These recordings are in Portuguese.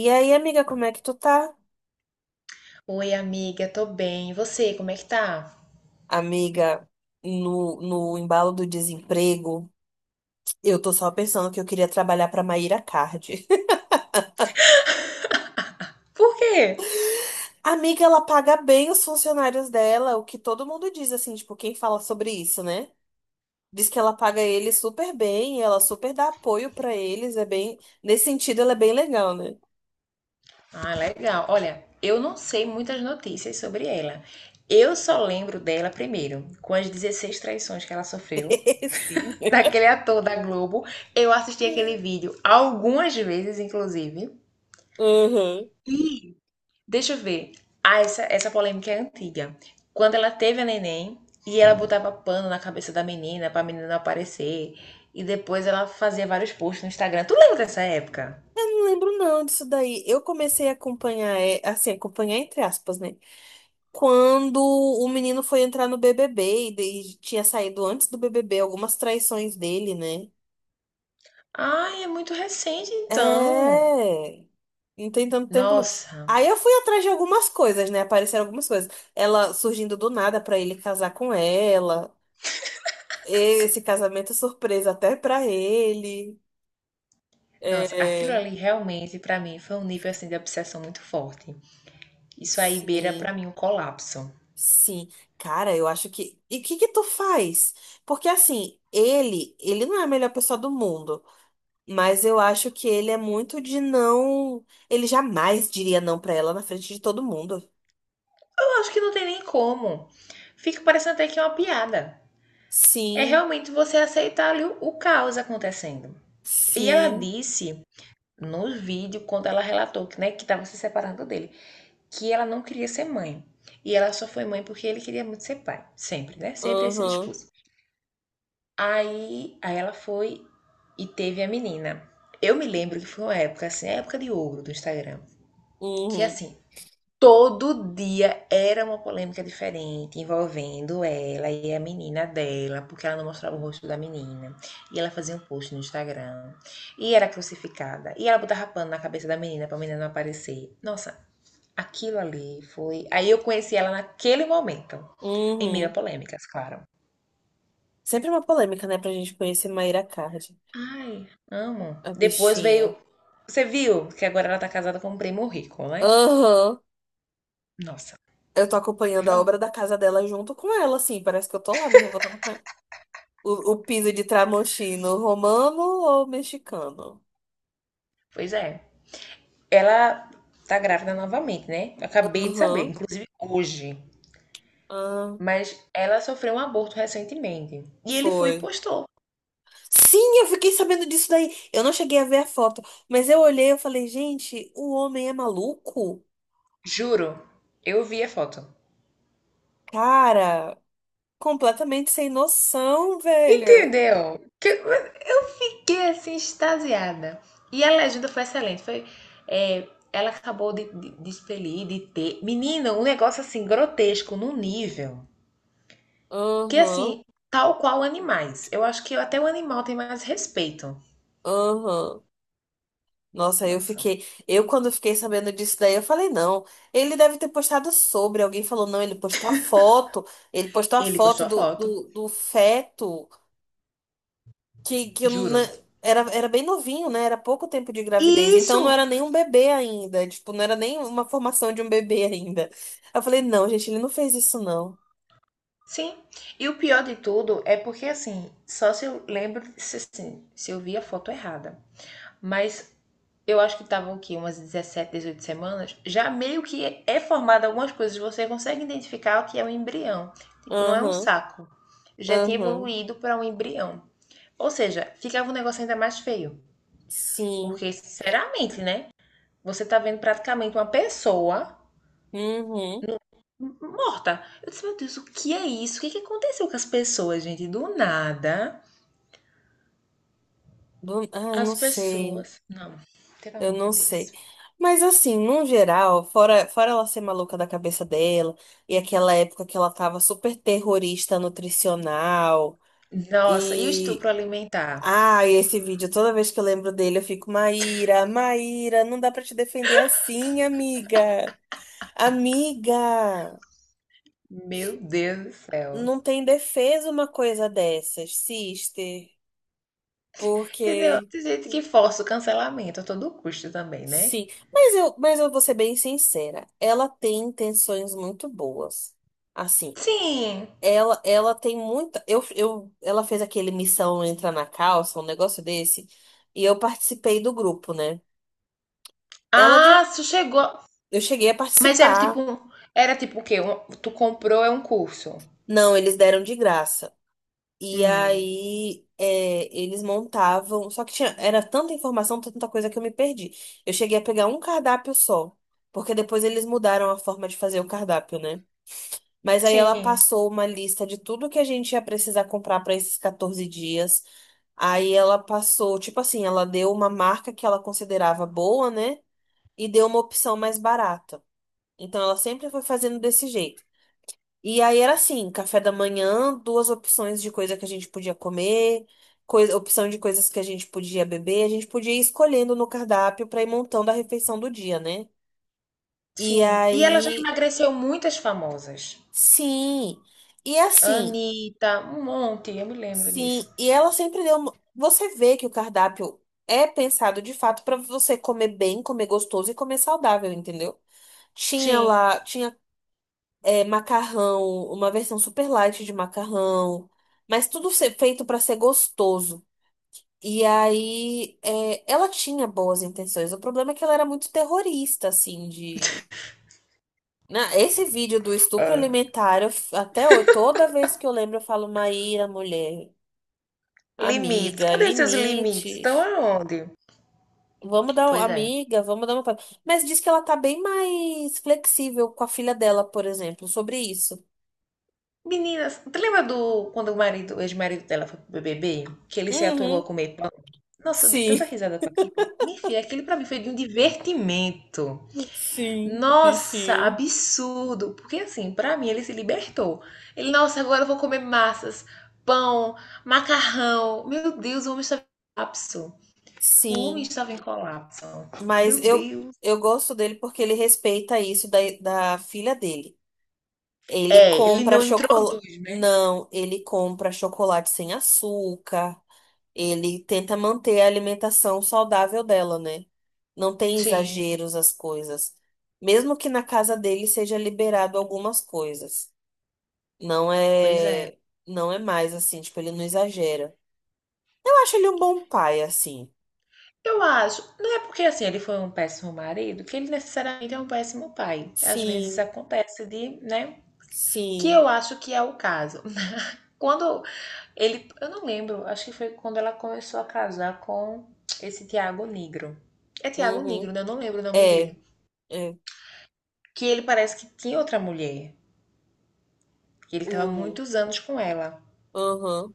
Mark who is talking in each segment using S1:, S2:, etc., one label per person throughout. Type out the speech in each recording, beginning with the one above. S1: E aí, amiga, como é que tu tá?
S2: Oi, amiga, tô bem. E você, como é que tá?
S1: Amiga, no embalo do desemprego, eu tô só pensando que eu queria trabalhar pra Maíra Card.
S2: Por quê?
S1: Amiga, ela paga bem os funcionários dela, o que todo mundo diz, assim, tipo, quem fala sobre isso, né? Diz que ela paga eles super bem, ela super dá apoio pra eles, é bem... Nesse sentido, ela é bem legal, né?
S2: Ah, legal. Olha, eu não sei muitas notícias sobre ela. Eu só lembro dela primeiro, com as 16 traições que ela sofreu,
S1: Sim.
S2: daquele ator da Globo. Eu assisti aquele vídeo algumas vezes, inclusive.
S1: Uhum.
S2: Deixa eu ver. Ah, essa polêmica é antiga. Quando ela teve a neném e ela botava pano na cabeça da menina pra menina não aparecer. E depois ela fazia vários posts no Instagram. Tu lembra dessa época?
S1: Não lembro não disso daí. Eu comecei a acompanhar, é, assim, acompanhar entre aspas, né? Quando o menino foi entrar no BBB e tinha saído antes do BBB algumas traições dele, né?
S2: Ai, é muito recente então.
S1: É. Não tem tanto tempo, não.
S2: Nossa,
S1: Aí eu fui atrás de algumas coisas, né? Apareceram algumas coisas. Ela surgindo do nada pra ele casar com ela. Esse casamento é surpresa até pra ele.
S2: nossa, aquilo
S1: É.
S2: ali realmente pra mim foi um nível assim de obsessão muito forte. Isso aí beira pra
S1: Sim,
S2: mim um colapso. Eu
S1: sim. Cara, eu acho que. E o que que tu faz? Porque assim, ele não é a melhor pessoa do mundo. Mas eu acho que ele é muito de não. Ele jamais diria não pra ela na frente de todo mundo.
S2: acho que não tem nem como. Fica parecendo até que é uma piada. É
S1: Sim,
S2: realmente você aceitar ali o caos acontecendo. E ela
S1: sim,
S2: disse no vídeo quando ela relatou que, né, que estava se separando dele, que ela não queria ser mãe. E ela só foi mãe porque ele queria muito ser pai, sempre, né? Sempre esse
S1: aham,
S2: discurso. Aí ela foi e teve a menina. Eu me lembro que foi uma época, assim, a época de ouro do Instagram, que
S1: uhum,
S2: assim, todo dia era uma polêmica diferente envolvendo ela e a menina dela, porque ela não mostrava o rosto da menina. E ela fazia um post no Instagram, e era crucificada, e ela botava pano na cabeça da menina pra menina não aparecer. Nossa, aquilo ali foi. Aí eu conheci ela naquele momento, em meio a
S1: uhum.
S2: polêmicas, claro.
S1: Sempre uma polêmica, né, pra gente conhecer Mayra Card,
S2: Ai, amo.
S1: a
S2: Depois
S1: bichinha.
S2: veio. Você viu que agora ela tá casada com um primo rico, né?
S1: Aham.
S2: Nossa,
S1: Eu tô acompanhando
S2: pelo
S1: a
S2: amor.
S1: obra da casa dela junto com ela, assim, parece que eu tô lá me revoltando com ela. O piso de tramontino romano ou mexicano?
S2: Pois é. Ela tá grávida novamente, né? Eu acabei de saber,
S1: Aham,
S2: inclusive hoje.
S1: ah,
S2: Mas ela sofreu um aborto recentemente. E ele foi e
S1: foi.
S2: postou.
S1: Sim, eu fiquei sabendo disso daí. Eu não cheguei a ver a foto, mas eu olhei e falei, gente, o homem é maluco?
S2: Juro. Eu vi a foto.
S1: Cara, completamente sem noção, velho.
S2: Entendeu? Que eu fiquei assim, extasiada. E a legenda foi excelente. Foi, é, ela acabou de expelir, de ter. Menina, um negócio assim, grotesco, num nível. Que
S1: Aham,
S2: assim, tal qual animais. Eu acho que até o animal tem mais respeito.
S1: aham. Nossa, eu
S2: Nossa.
S1: fiquei. Eu, quando fiquei sabendo disso daí, eu falei, não. Ele deve ter postado sobre. Alguém falou, não, ele postou a foto. Ele postou a
S2: Ele
S1: foto
S2: postou a
S1: do,
S2: foto,
S1: do, do feto. que, que eu na-
S2: juro.
S1: Era, era bem novinho, né? Era pouco tempo de gravidez.
S2: E
S1: Então
S2: isso!
S1: não era nem um bebê ainda. Tipo, não era nem uma formação de um bebê ainda. Eu falei, não, gente, ele não fez isso, não.
S2: Sim. E o pior de tudo é porque assim, só se eu lembro, se, assim, se eu vi a foto errada, mas eu acho que estavam aqui umas 17, 18 semanas, já meio que é, é formado algumas coisas, você consegue identificar o que é um embrião. Tipo, não é um
S1: Aham,
S2: saco. Já tinha
S1: aham.
S2: evoluído para um embrião. Ou seja, ficava um negócio ainda mais feio.
S1: Sim.
S2: Porque, sinceramente, né? Você tá vendo praticamente uma pessoa
S1: Uhum.
S2: morta. Eu disse, meu Deus, o que é isso? O que, que aconteceu com as pessoas, gente? Do nada,
S1: Ai, não
S2: as
S1: sei.
S2: pessoas. Não, pelo
S1: Eu
S2: amor de
S1: não sei.
S2: Deus.
S1: Mas assim, no geral, fora ela ser maluca da cabeça dela, e aquela época que ela tava super terrorista nutricional.
S2: Nossa, e o
S1: E
S2: estupro alimentar?
S1: ah, e esse vídeo, toda vez que eu lembro dele, eu fico, Maíra, Maíra, não dá pra te defender assim, amiga. Amiga,
S2: Meu Deus do céu.
S1: não tem defesa uma coisa dessas, sister.
S2: Entendeu?
S1: Porque,
S2: Tem gente que força o cancelamento a todo custo também, né?
S1: sim. Mas eu vou ser bem sincera, ela tem intenções muito boas. Assim,
S2: Sim.
S1: ela tem muita. Ela fez aquele Missão Entra na Calça, um negócio desse, e eu participei do grupo, né? Ela de.
S2: Ah, tu chegou.
S1: Eu cheguei a
S2: Mas era tipo
S1: participar.
S2: um. Era tipo o quê? Um- tu comprou é um curso.
S1: Não, eles deram de graça. E
S2: Hum.
S1: aí, é, eles montavam. Só que tinha, era tanta informação, tanta coisa que eu me perdi. Eu cheguei a pegar um cardápio só. Porque depois eles mudaram a forma de fazer o cardápio, né? Mas aí ela
S2: Sim,
S1: passou uma lista de tudo que a gente ia precisar comprar para esses 14 dias. Aí ela passou, tipo assim, ela deu uma marca que ela considerava boa, né? E deu uma opção mais barata. Então ela sempre foi fazendo desse jeito. E aí era assim, café da manhã, duas opções de coisa que a gente podia comer, coisa, opção de coisas que a gente podia beber, a gente podia ir escolhendo no cardápio para ir montando a refeição do dia, né? E
S2: sim. E ela já
S1: aí,
S2: emagreceu muitas famosas.
S1: sim. E assim,
S2: Anitta, um monte, eu me lembro disso.
S1: sim, e ela sempre deu, uma- você vê que o cardápio é pensado de fato para você comer bem, comer gostoso e comer saudável, entendeu? Tinha
S2: Sim.
S1: lá, tinha é, macarrão, uma versão super light de macarrão, mas tudo ser feito para ser gostoso. E aí, é, ela tinha boas intenções. O problema é que ela era muito terrorista, assim, de. Esse vídeo do estupro
S2: É.
S1: alimentar, eu até hoje, toda vez que eu lembro, eu falo, Maíra, mulher,
S2: Limites.
S1: amiga,
S2: Cadê seus limites? Estão
S1: limites.
S2: aonde? Pois é.
S1: Amiga, vamos dar uma. Mas diz que ela tá bem mais flexível com a filha dela, por exemplo, sobre isso.
S2: Meninas, tu lembra do quando o marido, o ex-marido dela foi pro BBB? Que ele se atolou
S1: Uhum,
S2: a comer. Nossa, eu dei
S1: sim.
S2: tanta risada com aquilo. Minha filha, aquilo pra mim foi de um divertimento.
S1: Sim,
S2: Nossa,
S1: bichinho.
S2: absurdo. Porque assim, pra mim ele se libertou. Ele, nossa, agora eu vou comer massas, pão, macarrão. Meu Deus, o homem estava em colapso. O homem
S1: Sim,
S2: estava em colapso.
S1: mas
S2: Meu Deus.
S1: eu gosto dele porque ele respeita isso da filha dele. Ele
S2: É, ele
S1: compra
S2: não
S1: chocolate.
S2: introduz, né?
S1: Não, ele compra chocolate sem açúcar. Ele tenta manter a alimentação saudável dela, né? Não tem
S2: Sim,
S1: exageros as coisas. Mesmo que na casa dele seja liberado algumas coisas. Não
S2: pois é.
S1: é, não é mais assim, tipo, ele não exagera. Eu acho ele um bom pai, assim.
S2: Eu acho, não é porque assim ele foi um péssimo marido que ele necessariamente é um péssimo pai. Às vezes
S1: Sim.
S2: acontece de, né? Que
S1: Sim.
S2: eu acho que é o caso. Quando ele, eu não lembro, acho que foi quando ela começou a casar com esse Tiago Negro. É Tiago
S1: Uhum.
S2: Negro, né? Eu não lembro o nome
S1: É,
S2: dele.
S1: é.
S2: Que ele parece que tinha outra mulher, que ele tava
S1: O.
S2: muitos anos com ela.
S1: Aham.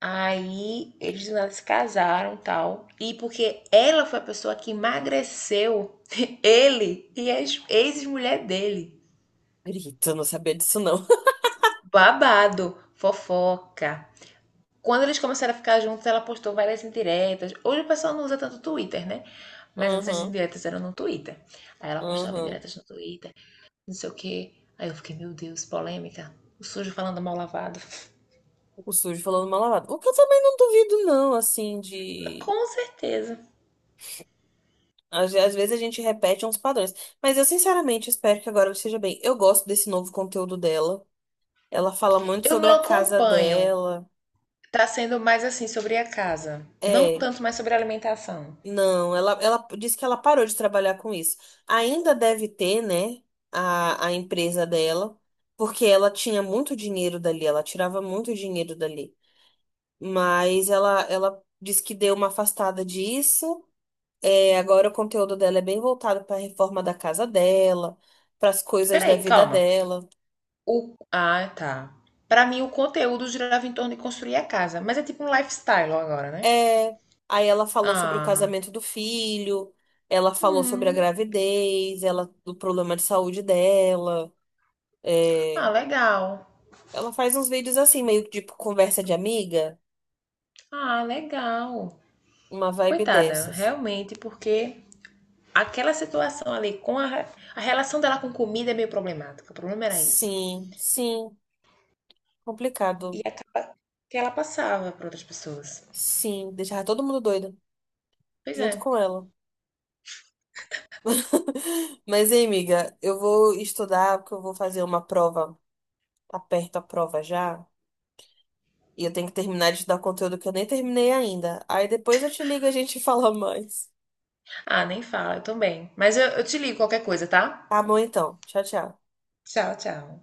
S2: Aí eles nada se casaram e tal. E porque ela foi a pessoa que emagreceu ele e a ex-mulher dele.
S1: Grito, eu não sabia disso, não.
S2: Babado, fofoca. Quando eles começaram a ficar juntos, ela postou várias indiretas. Hoje o pessoal não usa tanto o Twitter, né? Mas antes as
S1: Aham,
S2: indiretas eram no Twitter. Aí ela postava
S1: aham.
S2: indiretas no Twitter, não sei o quê. Aí eu fiquei, meu Deus, polêmica. O sujo falando mal lavado.
S1: O sujo falando mal lavado. O que eu também não duvido, não, assim, de.
S2: Com certeza.
S1: Às vezes a gente repete uns padrões. Mas eu, sinceramente, espero que agora ela esteja bem. Eu gosto desse novo conteúdo dela. Ela fala muito
S2: Eu
S1: sobre
S2: não
S1: a casa
S2: acompanho.
S1: dela.
S2: Tá sendo mais assim sobre a casa. Não
S1: É.
S2: tanto mais sobre a alimentação.
S1: Não, ela disse que ela parou de trabalhar com isso. Ainda deve ter, né, a empresa dela, porque ela tinha muito dinheiro dali, ela tirava muito dinheiro dali. Mas ela disse que deu uma afastada disso. É, agora o conteúdo dela é bem voltado para a reforma da casa dela, para as coisas da
S2: Peraí,
S1: vida
S2: calma.
S1: dela.
S2: O... Ah, tá. Pra mim, o conteúdo girava em torno de construir a casa. Mas é tipo um lifestyle agora, né?
S1: É, aí ela falou sobre o
S2: Ah,
S1: casamento do filho, ela falou sobre a
S2: hum.
S1: gravidez, ela, do problema de saúde dela.
S2: Ah,
S1: É,
S2: legal.
S1: ela faz uns vídeos assim, meio que tipo conversa de amiga,
S2: Ah, legal.
S1: uma vibe
S2: Coitada,
S1: dessas.
S2: realmente, porque aquela situação ali com a, re- a relação dela com comida é meio problemática. O problema era isso.
S1: Sim, sim,
S2: E
S1: complicado.
S2: acaba que ela passava para outras pessoas.
S1: Sim, deixar todo mundo doido
S2: Pois
S1: junto
S2: é.
S1: com ela. Mas, hein, amiga, eu vou estudar porque eu vou fazer uma prova. Tá perto a prova já. E eu tenho que terminar de estudar conteúdo que eu nem terminei ainda. Aí depois eu te ligo e a gente fala mais.
S2: Ah, nem fala, eu também. Mas eu te ligo qualquer coisa, tá?
S1: Tá bom, então. Tchau, tchau.
S2: Tchau, tchau.